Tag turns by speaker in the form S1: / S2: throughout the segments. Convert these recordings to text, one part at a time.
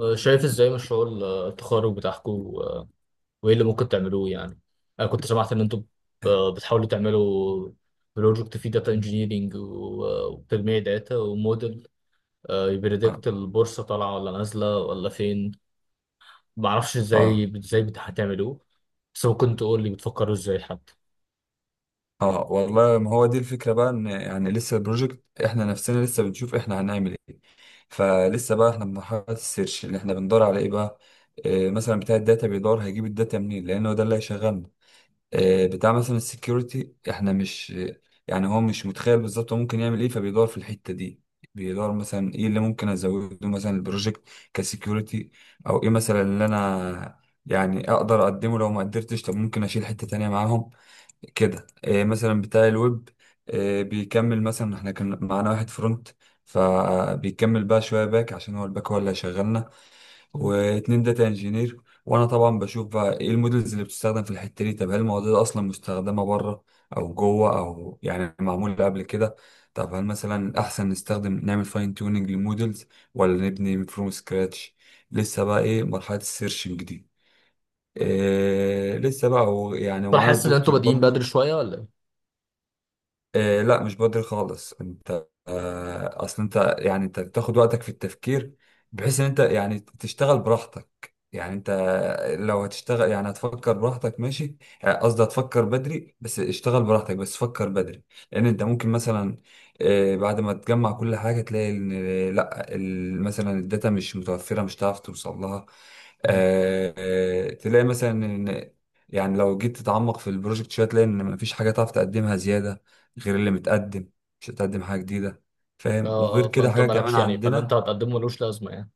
S1: آه، شايف ازاي مشروع التخرج بتاعكم وايه اللي ممكن تعملوه يعني. انا كنت سمعت ان انتم
S2: اه
S1: بتحاولوا تعملوا بروجكت فيه داتا انجينيرينج وتجميع داتا وموديل يبريدكت البورصه طالعه ولا نازله ولا فين. معرفش
S2: اه
S1: ازاي ازاي هتعملوه، بس ممكن تقول لي بتفكروا ازاي حتى.
S2: اه، والله ما هو دي الفكرة بقى ان يعني لسه البروجكت احنا نفسنا لسه بنشوف احنا هنعمل ايه. فلسه بقى احنا في مرحلة السيرش اللي احنا بندور على ايه بقى. مثلا بتاع الداتا بيدور هيجيب الداتا منين لانه ده اللي هيشغلنا. بتاع مثلا السكيورتي احنا مش، يعني هو مش متخيل بالظبط هو ممكن يعمل ايه فبيدور في الحتة دي. بيدور مثلا ايه اللي ممكن ازوده مثلا البروجكت كسكيورتي، او ايه مثلا اللي انا يعني اقدر اقدمه. لو ما قدرتش طب ممكن اشيل حتة تانية معاهم كده، إيه مثلا بتاع الويب. إيه بيكمل، مثلا احنا كان معانا واحد فرونت فبيكمل بقى شويه باك، عشان هو الباك هو اللي هيشغلنا.
S1: مم.
S2: واتنين داتا انجينير. وانا طبعا بشوف بقى ايه المودلز اللي بتستخدم في الحته دي، طب هل المواضيع دي اصلا مستخدمه بره او جوه، او يعني معموله قبل كده. طب هل مثلا احسن نستخدم نعمل فاين تيوننج للمودلز ولا نبني فروم سكراتش. لسه بقى ايه مرحله السيرشنج دي. إيه لسه بقى يعني
S1: طب
S2: ومعانا
S1: حاسس ان انتم
S2: الدكتور
S1: بادئين بدري
S2: برضو.
S1: شويه ولا ايه؟
S2: آه لا مش بدري خالص. انت آه اصل انت يعني انت بتاخد وقتك في التفكير، بحيث ان انت يعني تشتغل براحتك. يعني انت لو هتشتغل يعني هتفكر براحتك ماشي. قصدي هتفكر بدري بس اشتغل براحتك، بس فكر بدري. لان انت ممكن مثلا بعد ما تجمع كل حاجة تلاقي ان لا مثلا الداتا مش متوفرة مش هتعرف توصل لها.
S1: مم.
S2: تلاقي مثلا ان يعني لو جيت تتعمق في البروجكت شويه تلاقي ان مفيش حاجه تعرف تقدمها زياده غير اللي متقدم. مش هتقدم حاجة جديدة، فاهم.
S1: اه
S2: وغير
S1: اه،
S2: كده
S1: فانت
S2: حاجة كمان
S1: مالكش يعني، فاللي انت
S2: عندنا.
S1: هتقدمه ملوش لازمه يعني.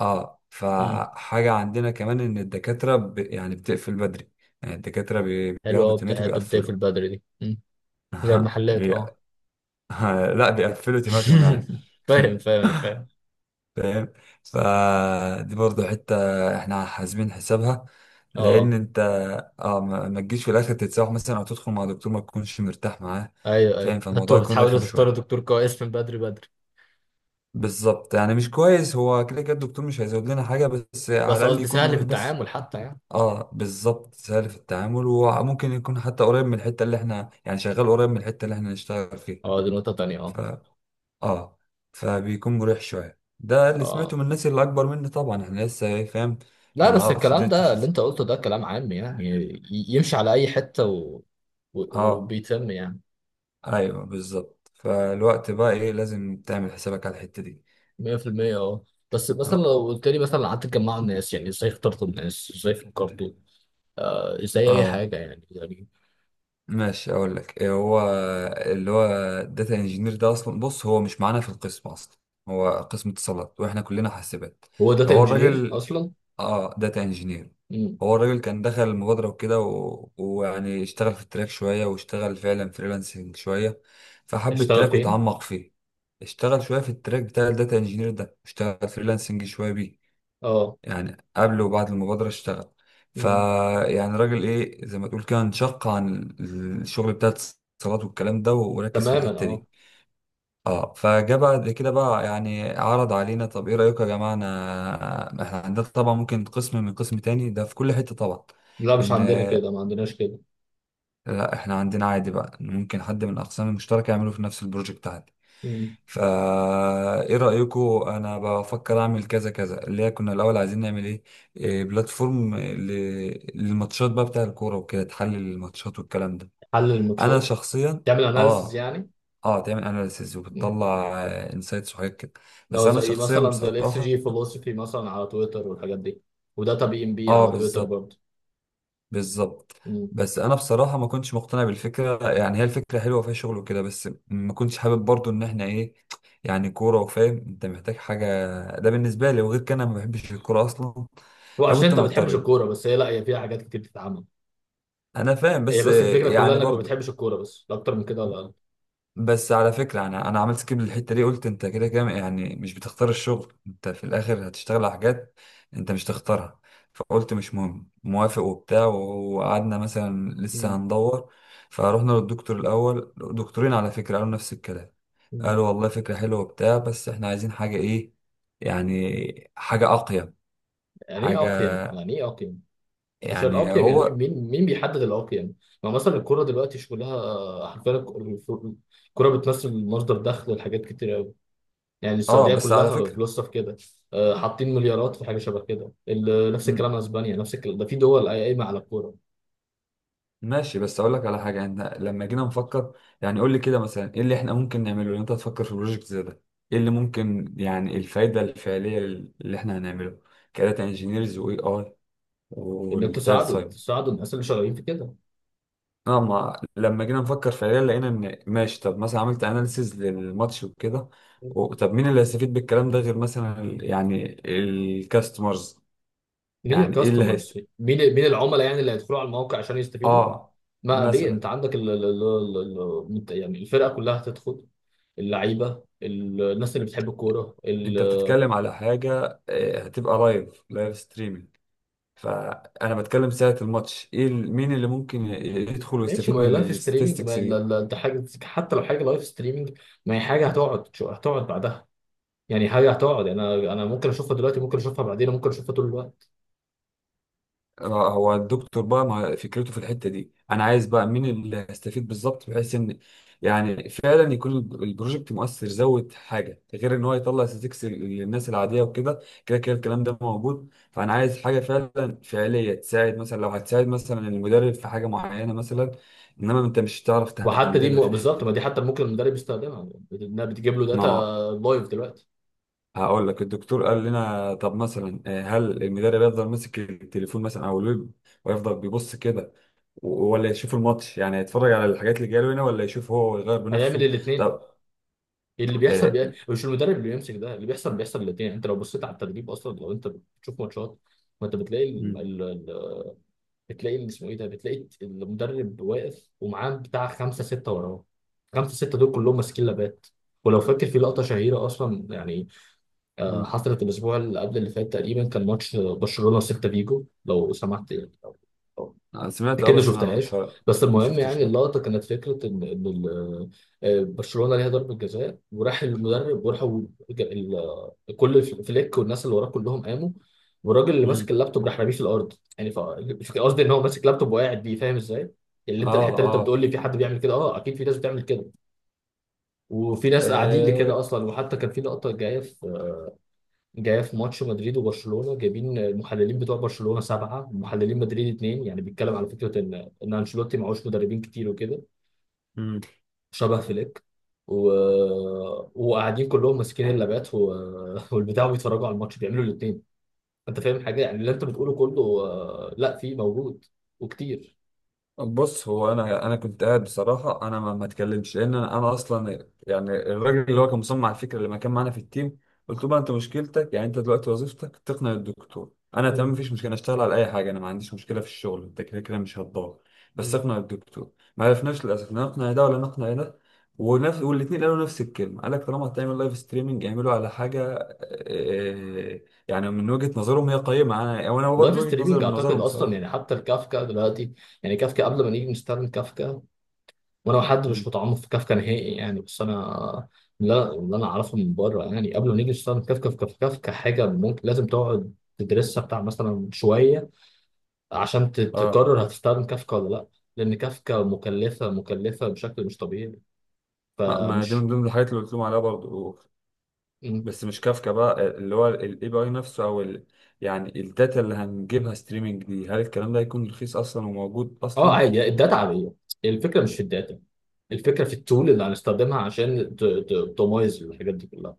S2: اه
S1: امم،
S2: فحاجة عندنا كمان ان يعني بتقفل بدري. يعني الدكاترة
S1: حلو
S2: بياخدوا
S1: قوي
S2: تيمات
S1: بتاع التبدأ في
S2: وبيقفلوا.
S1: البدري دي. امم، زي المحلات
S2: بي...
S1: اه.
S2: لا بيقفلوا تيماتهم يعني.
S1: فاهم فاهم، انا فاهم.
S2: فاهم. فدي برضو حتة احنا حاسبين حسابها. لان
S1: اه
S2: انت اه ما تجيش في الاخر تتسوح مثلا، او تدخل مع دكتور ما تكونش مرتاح معاه،
S1: ايوه ايوه،
S2: فاهم. فالموضوع
S1: انتوا
S2: يكون
S1: بتحاولوا
S2: رخم
S1: تختاروا
S2: شوية.
S1: دكتور كويس من بدري بدري،
S2: بالظبط، يعني مش كويس. هو كده كده الدكتور مش هيزود لنا حاجة، بس على
S1: بس
S2: الأقل
S1: قصدي
S2: يكون
S1: سهل في
S2: مريح بس.
S1: التعامل حتى يعني.
S2: اه بالظبط، سهل في التعامل. وممكن يكون حتى قريب من الحتة اللي احنا يعني شغال، قريب من الحتة اللي احنا نشتغل فيها.
S1: اه، دي نقطة تانية. اه
S2: ف اه فبيكون مريح شوية. ده اللي
S1: اه،
S2: سمعته من الناس اللي أكبر مني. طبعا احنا لسه إيه، فاهم. ما
S1: لا بس
S2: نعرفش
S1: الكلام
S2: الدنيا
S1: ده
S2: بتمشي
S1: اللي
S2: ازاي.
S1: انت قلته ده كلام عام يعني، يمشي على اي حتة و...
S2: اه
S1: وبيتم يعني.
S2: ايوه بالظبط. فالوقت بقى ايه لازم تعمل حسابك على الحتة دي.
S1: 100%. اه بس مثلا
S2: اه
S1: لو قلت لي، مثلا قعدت تجمعوا الناس، يعني ازاي اخترتوا الناس، ازاي فكرتوا، آه ازاي اي
S2: اه
S1: حاجة يعني يعني.
S2: ماشي اقول لك إيه. هو اللي هو داتا انجينير ده اصلا، بص هو مش معانا في القسم اصلا. هو قسم اتصالات، واحنا كلنا حاسبات.
S1: هو داتا
S2: فهو
S1: انجينير
S2: الراجل،
S1: اصلا؟
S2: اه داتا انجينير.
S1: مم.
S2: هو الراجل كان دخل المبادرة وكده، ويعني اشتغل في التراك شوية، واشتغل فعلا فريلانسنج شوية، فحب
S1: اشتغل
S2: التراك
S1: فين؟
S2: وتعمق فيه. اشتغل شوية في التراك بتاع الداتا انجينير ده، اشتغل فريلانسنج شوية بيه،
S1: اه.
S2: يعني قبل وبعد المبادرة اشتغل.
S1: مم.
S2: فيعني راجل ايه زي ما تقول كده انشق عن الشغل بتاع الاتصالات والكلام ده، وركز في
S1: تماما
S2: الحتة
S1: اه.
S2: دي. اه فجاء بعد كده بقى يعني عرض علينا، طب ايه رأيكم يا جماعة. انا احنا عندنا طبعا ممكن قسم من قسم تاني ده في كل حتة طبعا
S1: لا مش
S2: ان
S1: عندنا كده، ما عندناش كده.
S2: لا، احنا عندنا عادي بقى إن ممكن حد من الاقسام المشتركه يعمله في نفس البروجكت عادي.
S1: مم.
S2: فا ايه رايكم، انا بفكر اعمل كذا كذا، اللي هي كنا الاول عايزين نعمل ايه، إيه بلاتفورم للماتشات بقى بتاع الكوره وكده، تحلل الماتشات والكلام ده.
S1: حل
S2: انا
S1: الماتشات؟
S2: شخصيا،
S1: تعمل اناليسز
S2: اه
S1: يعني؟
S2: اه، تعمل اناليسيز
S1: مم.
S2: وبتطلع انسايتس وحاجات كده. بس
S1: لو
S2: انا
S1: زي
S2: شخصيا
S1: مثلا زي الاكس
S2: بصراحه،
S1: جي فيلوسفي مثلا على تويتر والحاجات دي، وداتا بي ام بي
S2: اه
S1: على تويتر
S2: بالظبط
S1: برضه.
S2: بالظبط.
S1: مم.
S2: بس انا بصراحه ما كنتش مقتنع بالفكره. يعني هي الفكره حلوه فيها شغل وكده، بس ما كنتش حابب برضو ان احنا ايه، يعني كوره. وفاهم انت محتاج حاجه، ده بالنسبه لي. وغير كده انا ما بحبش الكوره اصلا.
S1: هو عشان
S2: فكنت
S1: انت ما بتحبش
S2: معترض.
S1: الكوره بس؟ هي لا، هي فيها حاجات كتير بتتعمل.
S2: انا فاهم،
S1: هي
S2: بس
S1: بس الفكره كلها
S2: يعني
S1: انك ما
S2: برضو،
S1: بتحبش الكوره بس، لا اكتر من كده ولا اقل.
S2: بس على فكرة أنا عملت سكيب للحتة دي. قلت أنت كده كده يعني مش بتختار الشغل، أنت في الآخر هتشتغل على حاجات أنت مش تختارها. فقلت مش مهم، موافق وبتاع. وقعدنا مثلا لسه
S1: مم.
S2: هندور. فروحنا للدكتور الأول، دكتورين على فكرة، قالوا نفس الكلام.
S1: مم.
S2: قالوا والله فكرة حلوة وبتاع، بس إحنا عايزين حاجة إيه، يعني حاجة أقيم.
S1: يعني ايه
S2: حاجة
S1: اقيم؟ يعني ايه اقيم؟ مش
S2: يعني
S1: الاقيم يعني إيه؟
S2: هو
S1: مين مين بيحدد الاقيم؟ ما مثلا الكوره دلوقتي شغلها حرفيا. الكوره بتمثل مصدر دخل لحاجات كتير قوي. يعني
S2: آه
S1: السعوديه
S2: بس على
S1: كلها
S2: فكرة
S1: فلوسها في كده. آه، حاطين مليارات في حاجه شبه كده، نفس الكلام اسبانيا، نفس الكلام. ده في دول قايمه على الكوره.
S2: ماشي. بس اقول لك على حاجه، انت لما جينا نفكر يعني قول لي كده مثلا ايه اللي احنا ممكن نعمله ان انت تفكر في بروجكت زي ده. ايه اللي ممكن يعني الفايده الفعليه اللي احنا هنعمله كداتا انجينيرز واي اي
S1: انك
S2: والداتا
S1: تساعدوا
S2: ساين.
S1: تساعدوا الناس اللي شغالين في كده.
S2: اه ما لما جينا نفكر فعليا لقينا ان ماشي. طب مثلا عملت اناليسيز للماتش وكده طب مين اللي هيستفيد بالكلام ده غير مثلا يعني الكاستمرز.
S1: مين
S2: يعني ايه اللي
S1: الكاستمرز؟
S2: هيست،
S1: مين مين العملاء يعني؟ اللي هيدخلوا على الموقع عشان يستفيدوا.
S2: اه
S1: ما ليه، انت
S2: مثلا
S1: عندك ال ال يعني الفرقه كلها هتدخل، اللعيبه، الناس اللي بتحب الكوره
S2: انت بتتكلم على حاجه، هتبقى لايف ستريمنج. فانا بتكلم ساعه الماتش ايه مين اللي ممكن يدخل
S1: ماشي،
S2: ويستفيد
S1: ما هي
S2: من
S1: لايف ستريمنج، ما
S2: الستاتستكس دي.
S1: انت حاجه، حتى لو حاجه لايف ستريمنج ما هي حاجه هتقعد، هتقعد بعدها. يعني حاجه هتقعد، يعني انا ممكن اشوفها دلوقتي، ممكن اشوفها بعدين، ممكن اشوفها طول الوقت.
S2: هو الدكتور بقى ما فكرته في الحته دي، انا عايز بقى مين اللي هيستفيد بالظبط، بحيث ان يعني فعلا يكون البروجكت مؤثر زود حاجه، غير ان هو يطلع ستاتستكس للناس العاديه وكده، كده كده الكلام ده موجود. فانا عايز حاجه فعلا فعليه تساعد، مثلا لو هتساعد مثلا المدرب في حاجه معينه مثلا، انما انت مش هتعرف
S1: وحتى دي
S2: تهندلها في
S1: بالظبط، ما دي
S2: الحته
S1: حتى ممكن المدرب يستخدمها، انها بتجيب له
S2: دي.
S1: داتا لايف دلوقتي.
S2: هقول لك الدكتور قال لنا طب مثلا هل المدرب يفضل ماسك التليفون مثلا او الويب ويفضل بيبص كده، ولا يشوف الماتش، يعني يتفرج على الحاجات اللي جايه له هنا، ولا يشوف هو ويغير
S1: هيعمل
S2: بنفسه.
S1: الاثنين.
S2: طب
S1: اللي بيحصل
S2: آه،
S1: مش المدرب اللي بيمسك ده اللي بيحصل. بيحصل الاثنين. انت لو بصيت على التدريب اصلا، لو انت بتشوف ماتشات، ما انت بتلاقي
S2: مم.
S1: بتلاقي اللي اسمه ايه ده، بتلاقي المدرب واقف ومعاه بتاع خمسه سته وراه، خمسه سته دول كلهم ماسكين لابات. ولو فاكر في لقطه شهيره اصلا يعني، آه،
S2: مم.
S1: حصلت الأسبوع اللي قبل اللي فات تقريبا، كان ماتش برشلونة وسيلتا فيجو، لو سمحت يعني، لو
S2: أنا سمعت اه
S1: أكيد ما
S2: بس
S1: شفتهاش. بس
S2: ما
S1: المهم يعني،
S2: شفتش لا.
S1: اللقطة كانت فكرة إن آه، برشلونة ليها ضربة جزاء، وراح المدرب وراحوا، ج- ال- كل فليك والناس اللي وراه كلهم قاموا، والراجل اللي ماسك
S2: امم
S1: اللابتوب راح راميه في الأرض. يعني قصدي إن هو ماسك لابتوب وقاعد بيه، فاهم إزاي؟ يعني اللي انت،
S2: اه
S1: الحته اللي انت
S2: اه،
S1: بتقول لي في حد بيعمل كده، اه اكيد في ناس بتعمل كده، وفي ناس قاعدين لكده اصلا. وحتى كان في لقطه جايه في، جايه في ماتش مدريد وبرشلونه، جايبين المحللين بتوع برشلونه سبعه ومحللين مدريد اتنين. يعني بيتكلم على فكره ان انشيلوتي معهوش مدربين كتير وكده،
S2: آه.
S1: شبه فليك. و... وقاعدين كلهم ماسكين اللابات والبتاع بيتفرجوا على الماتش، بيعملوا الاثنين. انت فاهم حاجه يعني؟ اللي انت بتقوله كله آه، لا في موجود، وكتير.
S2: بص هو انا كنت قاعد بصراحه. انا ما اتكلمش لان أنا اصلا يعني الراجل اللي هو كان مصمم على الفكره اللي ما كان معانا في التيم، قلت له بقى انت مشكلتك يعني انت دلوقتي وظيفتك تقنع الدكتور. انا تمام
S1: مم.
S2: مفيش مشكله، أنا اشتغل على اي حاجه، انا ما عنديش مشكله في الشغل. انت كده كده مش هتضاغط، بس
S1: مم.
S2: اقنع الدكتور. ما عرفناش للاسف لا نقنع ده ولا نقنع ده. ونفس والاثنين قالوا نفس الكلمه، قال لك طالما هتعمل لايف ستريمنج اعمله على حاجه آه، يعني من وجهه نظرهم هي قيمه، انا وانا
S1: لايف
S2: برضه وجهه نظري
S1: ستريمينج
S2: من
S1: اعتقد
S2: نظرهم
S1: اصلا
S2: بصراحه.
S1: يعني، حتى الكافكا دلوقتي، يعني كافكا قبل ما نيجي نستخدم كافكا، وانا حد مش
S2: مم.
S1: متعمق في كافكا نهائي يعني، بس انا لا، اللي انا اعرفه من بره يعني قبل ما نيجي نشتغل كافكا في كافكا، كافكا حاجه ممكن لازم تقعد تدرسها بتاع مثلا شويه، عشان
S2: اه
S1: تقرر هتستخدم كافكا ولا لا. لان كافكا مكلفه، مكلفه بشكل مش طبيعي.
S2: اه ما دي من
S1: فمش.
S2: ضمن الحاجات اللي قلت لهم عليها برضو.
S1: م.
S2: بس مش كافكا بقى، اللي هو الاي بي اي نفسه او ال، يعني الداتا اللي هنجيبها ستريمنج دي هل الكلام ده هيكون رخيص اصلا وموجود
S1: اه
S2: اصلا.
S1: عادي، الداتا عاديه. الفكره مش في الداتا، الفكره في التول اللي هنستخدمها عشان تمايز الحاجات دي كلها.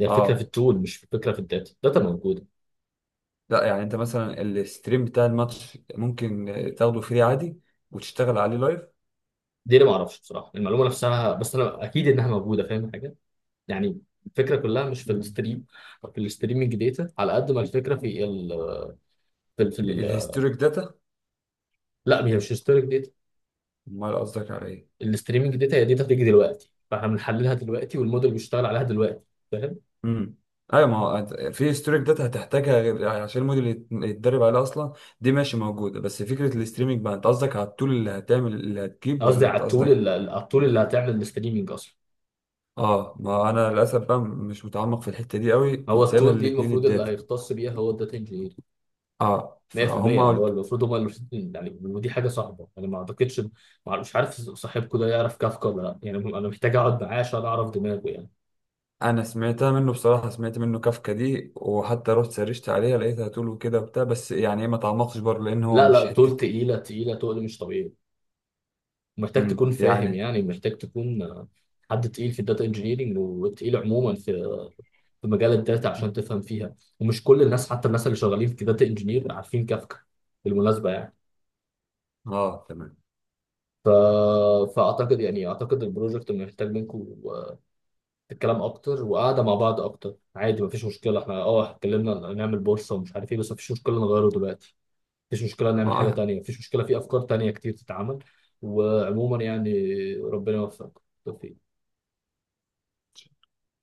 S1: هي الفكره في
S2: اه
S1: التول مش في، الفكره في الداتا، الداتا موجوده.
S2: لا يعني انت مثلا الستريم بتاع الماتش ممكن تاخده فري عادي وتشتغل عليه لايف.
S1: دي اللي ما اعرفش بصراحه، المعلومه نفسها، بس انا اكيد انها موجوده. فاهم حاجه يعني، الفكره كلها مش في
S2: مم.
S1: الستريم أو في الستريمنج داتا، على قد ما الفكره في ال
S2: الهيستوريك داتا.
S1: لا هي مش هيستوريك داتا.
S2: امال قصدك على ايه.
S1: الستريمنج داتا هي داتا بتيجي دلوقتي، فاحنا بنحللها دلوقتي، والموديل بيشتغل عليها دلوقتي، فاهم.
S2: امم ايوه ما هو في ستوريك داتا هتحتاجها غير عشان الموديل يتدرب عليه اصلا. دي ماشي موجوده، بس فكره الاستريمنج بقى انت قصدك على التول اللي هتعمل اللي هتجيب،
S1: قصدي
S2: ولا
S1: على
S2: انت
S1: التول
S2: قصدك.
S1: على التول اللي هتعمل الستريمنج اصلا.
S2: اه ما انا للاسف بقى مش متعمق في الحته دي قوي،
S1: هو
S2: كنت سايبها
S1: التول دي
S2: للاتنين
S1: المفروض اللي
S2: الداتا.
S1: هيختص بيها هو الداتا انجينير.
S2: اه
S1: 100%
S2: فهم
S1: يعني، هو
S2: قلت.
S1: المفروض، هم المفروض يعني. ودي حاجه صعبه، انا ما اعتقدش. مش عارف صاحبكم ده يعرف كافكا ولا لا يعني، انا محتاج اقعد معاه عشان اعرف دماغه يعني.
S2: انا سمعتها منه بصراحه، سمعت منه كافكا دي، وحتى رحت سرشت عليها لقيتها تول وكده وبتاع، بس يعني إيه، ما تعمقتش برضه لان هو
S1: لا
S2: مش
S1: لا، طول
S2: حتتي.
S1: تقيله، تقيله تقل مش طبيعي. محتاج تكون فاهم
S2: يعني
S1: يعني، محتاج تكون آه، حد تقيل في الداتا انجينيرنج، وتقيل عموما في، في مجال الداتا، عشان تفهم فيها. ومش كل الناس، حتى الناس اللي شغالين في داتا انجينير عارفين كافكا، بالمناسبه يعني.
S2: اه
S1: ف... فاعتقد يعني، اعتقد البروجكت محتاج منكم الكلام اكتر، وقعده مع بعض اكتر. عادي مفيش مشكله، احنا اه اتكلمنا نعمل بورصه ومش عارف ايه، بس مفيش مشكله نغيره دلوقتي، مفيش مشكله نعمل حاجه
S2: تمام.
S1: تانية، مفيش مشكله، في افكار تانية كتير تتعمل. وعموما يعني، ربنا يوفقك، بالتوفيق.